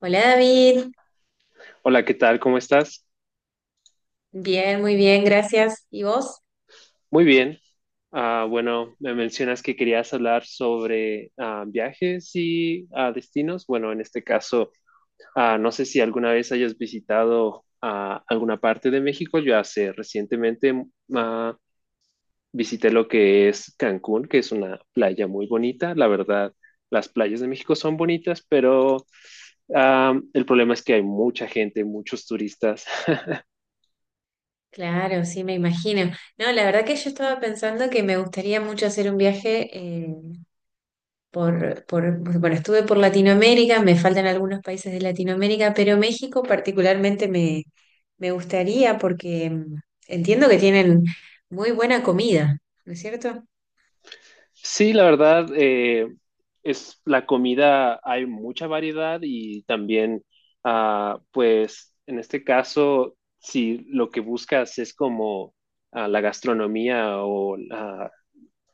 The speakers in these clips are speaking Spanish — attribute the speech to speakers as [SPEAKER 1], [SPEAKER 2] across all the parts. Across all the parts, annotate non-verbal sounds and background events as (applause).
[SPEAKER 1] Hola David,
[SPEAKER 2] Hola, ¿qué tal? ¿Cómo estás?
[SPEAKER 1] bien, muy bien, gracias. ¿Y vos?
[SPEAKER 2] Muy bien. Bueno, me mencionas que querías hablar sobre viajes y destinos. Bueno, en este caso, no sé si alguna vez hayas visitado alguna parte de México. Yo hace recientemente ah, visité lo que es Cancún, que es una playa muy bonita. La verdad, las playas de México son bonitas, pero el problema es que hay mucha gente, muchos turistas. (laughs)
[SPEAKER 1] Claro, sí, me imagino. No, la verdad que yo estaba pensando que me gustaría mucho hacer un viaje bueno, estuve por Latinoamérica, me faltan algunos países de Latinoamérica, pero México particularmente me gustaría porque entiendo que tienen muy buena comida, ¿no es cierto?
[SPEAKER 2] Sí, la verdad, es la comida, hay mucha variedad y también, pues, en este caso, si lo que buscas es como la gastronomía o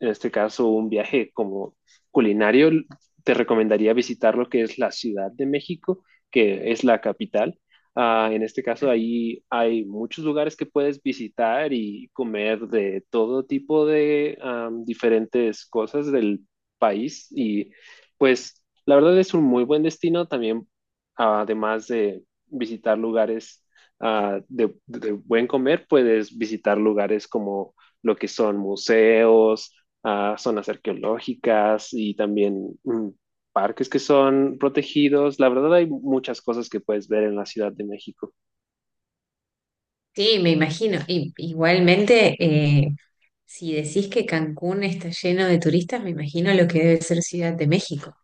[SPEAKER 2] en este caso un viaje como culinario, te recomendaría visitar lo que es la Ciudad de México, que es la capital. Ah, en este caso, ahí hay muchos lugares que puedes visitar y comer de todo tipo de diferentes cosas del país. Y pues la verdad es un muy buen destino también, además de visitar lugares de buen comer, puedes visitar lugares como lo que son museos, a zonas arqueológicas y también parques que son protegidos. La verdad hay muchas cosas que puedes ver en la Ciudad de México.
[SPEAKER 1] Sí, me imagino. Y, igualmente, si decís que Cancún está lleno de turistas, me imagino lo que debe ser Ciudad de México.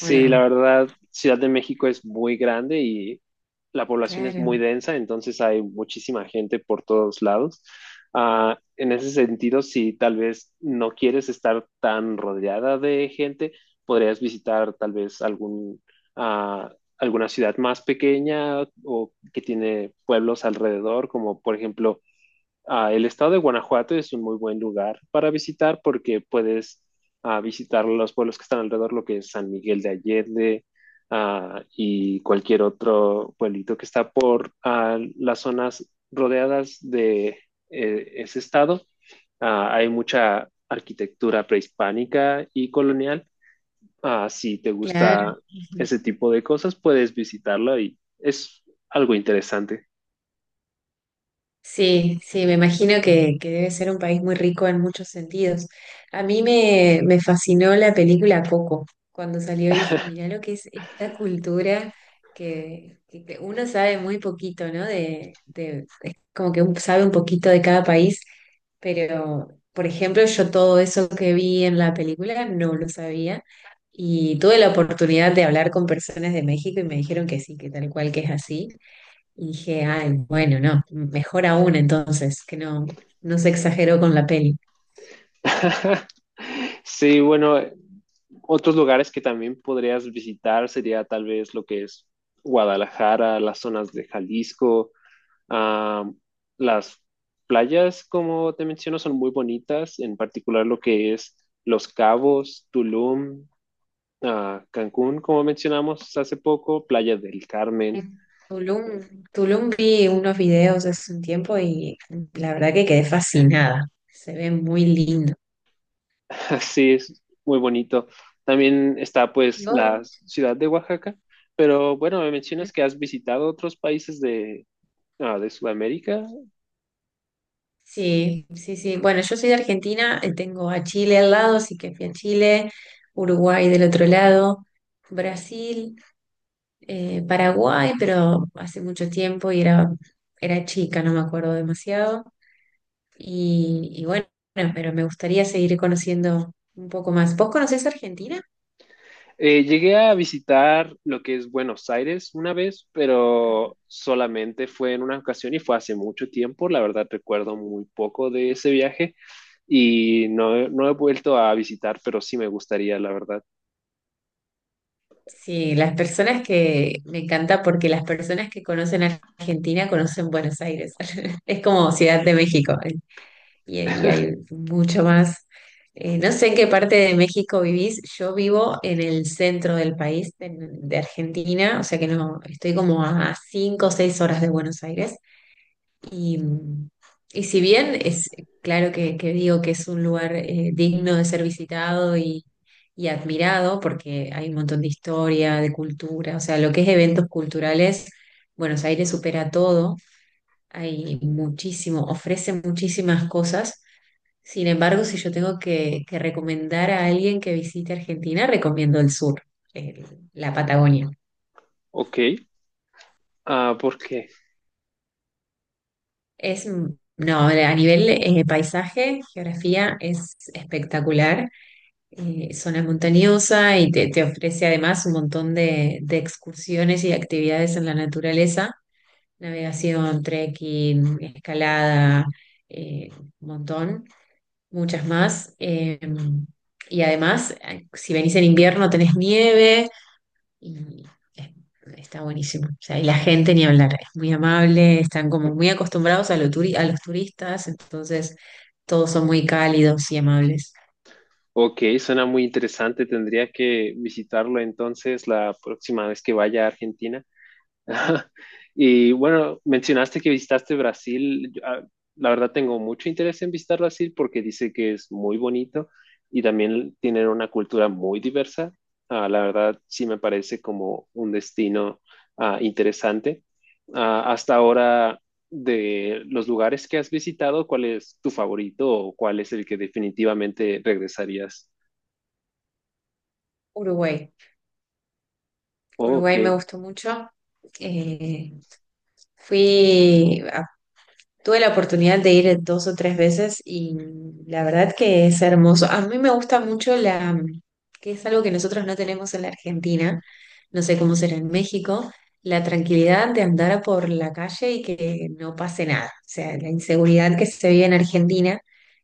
[SPEAKER 1] ¿O
[SPEAKER 2] la
[SPEAKER 1] no?
[SPEAKER 2] verdad, Ciudad de México es muy grande y la población es muy
[SPEAKER 1] Claro,
[SPEAKER 2] densa, entonces hay muchísima gente por todos lados. Ah, en ese sentido, si tal vez no quieres estar tan rodeada de gente, podrías visitar tal vez algún, ah, alguna ciudad más pequeña o que tiene pueblos alrededor, como por ejemplo el estado de Guanajuato es un muy buen lugar para visitar porque puedes visitar los pueblos que están alrededor, lo que es San Miguel de Allende y cualquier otro pueblito que está por las zonas rodeadas de ese estado. Ah, hay mucha arquitectura prehispánica y colonial. Ah, si te
[SPEAKER 1] claro.
[SPEAKER 2] gusta
[SPEAKER 1] Ujú.
[SPEAKER 2] ese tipo de cosas, puedes visitarlo y es algo interesante.
[SPEAKER 1] Sí, sí, me imagino que debe ser un país muy rico en muchos sentidos. A mí me fascinó la película Coco. Cuando salió y dije, mirá lo que es esta cultura que uno sabe muy poquito, ¿no? Es como que uno sabe un poquito de cada país, pero, por ejemplo, yo todo eso que vi en la película no lo sabía. Y tuve la oportunidad de hablar con personas de México y me dijeron que sí, que tal cual que es así. Y dije, ay, bueno, no, mejor aún entonces, que no, no se exageró con la peli.
[SPEAKER 2] (laughs) Sí, bueno, otros lugares que también podrías visitar sería tal vez lo que es Guadalajara, las zonas de Jalisco, ah, las playas, como te menciono, son muy bonitas, en particular lo que es Los Cabos, Tulum, Cancún, como mencionamos hace poco, Playa del Carmen.
[SPEAKER 1] En Tulum vi unos videos hace un tiempo y la verdad que quedé fascinada. Se ve muy lindo.
[SPEAKER 2] (laughs) Así es, muy bonito. También está
[SPEAKER 1] ¿Y
[SPEAKER 2] pues
[SPEAKER 1] vos?
[SPEAKER 2] la ciudad de Oaxaca, pero bueno, me mencionas que has visitado otros países de, de Sudamérica.
[SPEAKER 1] Sí, sí, sí. Bueno, yo soy de Argentina, tengo a Chile al lado, así que fui a Chile, Uruguay del otro lado, Brasil, Paraguay, pero hace mucho tiempo era chica, no me acuerdo demasiado. Y bueno, pero me gustaría seguir conociendo un poco más. ¿Vos conocés Argentina?
[SPEAKER 2] Llegué a visitar lo que es Buenos Aires una vez, pero solamente fue en una ocasión y fue hace mucho tiempo. La verdad recuerdo muy poco de ese viaje y no, no he vuelto a visitar, pero sí me gustaría, la verdad.
[SPEAKER 1] Sí, las personas que me encanta porque las personas que conocen Argentina conocen Buenos Aires. (laughs) Es como Ciudad de México. ¿Eh? Y hay mucho más. No sé en qué parte de México vivís. Yo vivo en el centro del país, de Argentina, o sea que no, estoy como a 5 o 6 horas de Buenos Aires. Y, y si bien es claro que digo que es un lugar digno de ser visitado y admirado, porque hay un montón de historia, de cultura, o sea, lo que es eventos culturales, Buenos Aires supera todo, hay muchísimo, ofrece muchísimas cosas. Sin embargo, si yo tengo que recomendar a alguien que visite Argentina, recomiendo el sur, el- la Patagonia.
[SPEAKER 2] Ok, ¿por qué?
[SPEAKER 1] Es, mm, no, a nivel paisaje, geografía, es espectacular zona montañosa y te ofrece además un montón de excursiones y de actividades en la naturaleza, navegación, trekking, escalada, eh, un montón, muchas más. Y además, si venís en invierno tenés nieve y es- está buenísimo. O sea, y la gente ni hablar, es muy amable, están como muy acostumbrados a los turistas, entonces todos son muy cálidos y amables.
[SPEAKER 2] Ok, suena muy interesante. Tendría que visitarlo entonces la próxima vez que vaya a Argentina. (laughs) Y bueno, mencionaste que visitaste Brasil. Yo, la verdad tengo mucho interés en visitar Brasil porque dice que es muy bonito y también tienen una cultura muy diversa. Ah, la verdad sí me parece como un destino interesante. Ah, hasta ahora, de los lugares que has visitado, ¿cuál es tu favorito o cuál es el que definitivamente regresarías?
[SPEAKER 1] Uruguay.
[SPEAKER 2] Oh,
[SPEAKER 1] Uruguay me
[SPEAKER 2] ok.
[SPEAKER 1] gustó mucho. Eh, fui, a- tuve la oportunidad de ir dos o tres veces y la verdad que es hermoso. A mí me gusta mucho que es algo que nosotros no tenemos en la Argentina, no sé cómo será en México, la tranquilidad de andar por la calle y que no pase nada. O sea, la inseguridad que se vive en Argentina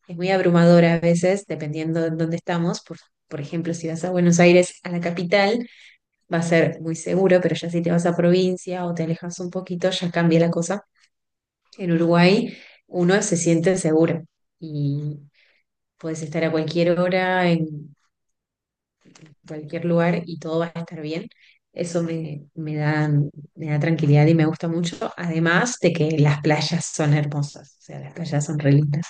[SPEAKER 1] es muy abrumadora a veces, dependiendo de dónde estamos. Por ejemplo, si vas a Buenos Aires, a la capital va a ser muy seguro, pero ya si te vas a provincia o te alejas un poquito, ya cambia la cosa. En Uruguay uno se siente seguro y puedes estar a cualquier hora, en cualquier lugar y todo va a estar bien. Eso me da tranquilidad y me gusta mucho, además de que las playas son hermosas, o sea, las playas son re lindas.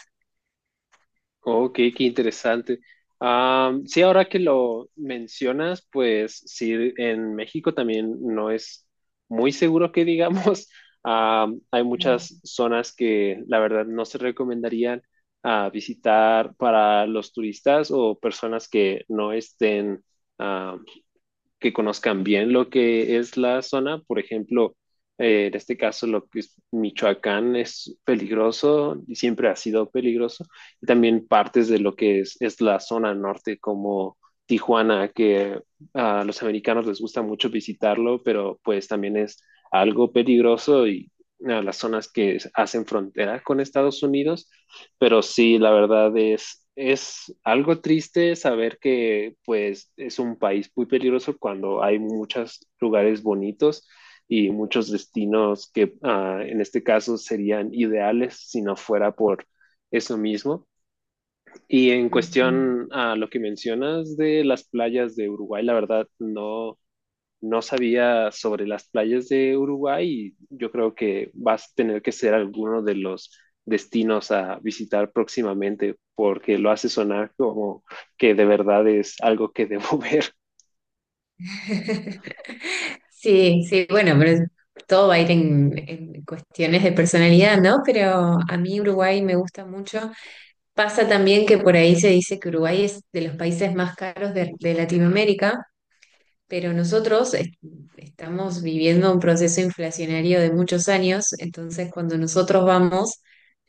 [SPEAKER 2] Ok, qué interesante. Am, sí, ahora que lo mencionas, pues sí, en México también no es muy seguro que digamos. (laughs) Am, hay
[SPEAKER 1] Ujú.
[SPEAKER 2] muchas zonas que la verdad no se recomendarían visitar para los turistas o personas que no estén que conozcan bien lo que es la zona. Por ejemplo, en este caso, lo que es Michoacán es peligroso y siempre ha sido peligroso. Y también partes de lo que es la zona norte, como Tijuana, que a los americanos les gusta mucho visitarlo, pero pues también es algo peligroso y a las zonas que hacen frontera con Estados Unidos. Pero sí, la verdad es algo triste saber que pues es un país muy peligroso cuando hay muchos lugares bonitos y muchos destinos que en este caso serían ideales si no fuera por eso mismo. Y en
[SPEAKER 1] Ujú.
[SPEAKER 2] cuestión a lo que mencionas de las playas de Uruguay, la verdad no, no sabía sobre las playas de Uruguay y yo creo que vas a tener que ser alguno de los destinos a visitar próximamente porque lo hace sonar como que de verdad es algo que debo (laughs) ver.
[SPEAKER 1] (laughs) Sí, sí, bueno, todo va a ir en cuestiones de personalidad, ¿no? Pero a mí Uruguay me gusta mucho. Pasa también que por ahí se dice que Uruguay es de los países más caros de Latinoamérica, pero estamos viviendo un proceso inflacionario de muchos años, entonces cuando nosotros vamos,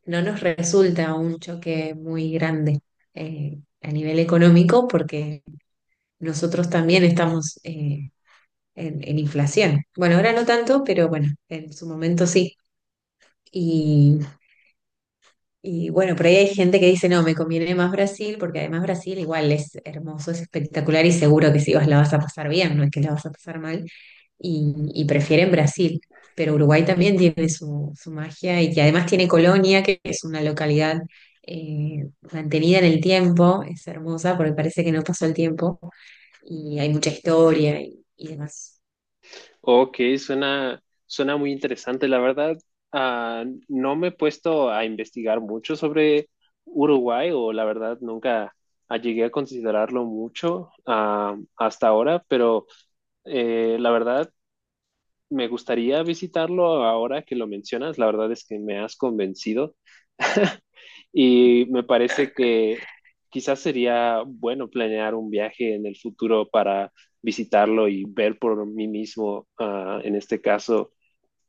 [SPEAKER 1] no nos resulta un choque muy grande a nivel económico porque nosotros también estamos... en inflación. Bueno, ahora no tanto, pero bueno, en su momento sí. Y, y bueno, por ahí hay gente que dice, no, me conviene más Brasil, porque además Brasil igual es hermoso, es espectacular y seguro que si vas la vas a pasar bien, no es que la vas a pasar mal, y prefieren Brasil. Pero Uruguay también tiene su magia y que además tiene Colonia, que es una localidad mantenida en el tiempo, es hermosa porque parece que no pasó el tiempo y hay mucha historia y demás.
[SPEAKER 2] Ok, suena, suena muy interesante, la verdad. Ah, no me he puesto a investigar mucho sobre Uruguay o la verdad nunca llegué a considerarlo mucho hasta ahora, pero la verdad me gustaría visitarlo ahora que lo mencionas. La verdad es que me has convencido (laughs) y me parece que quizás sería bueno planear un viaje en el futuro para visitarlo y ver por mí mismo, en este caso,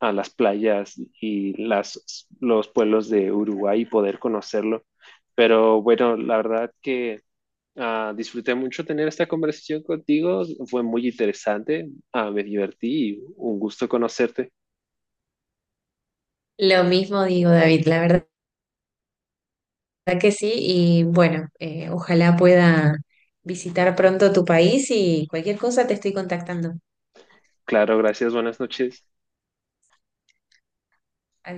[SPEAKER 2] a las playas y las, los pueblos de Uruguay y poder conocerlo. Pero bueno, la verdad que disfruté mucho tener esta conversación contigo, fue muy interesante. Ah, me divertí y un gusto conocerte.
[SPEAKER 1] Lo mismo digo, David, la verdad verdad que sí, y bueno, ojalá pueda visitar pronto tu país y cualquier cosa te estoy contactando.
[SPEAKER 2] Claro, gracias, buenas noches.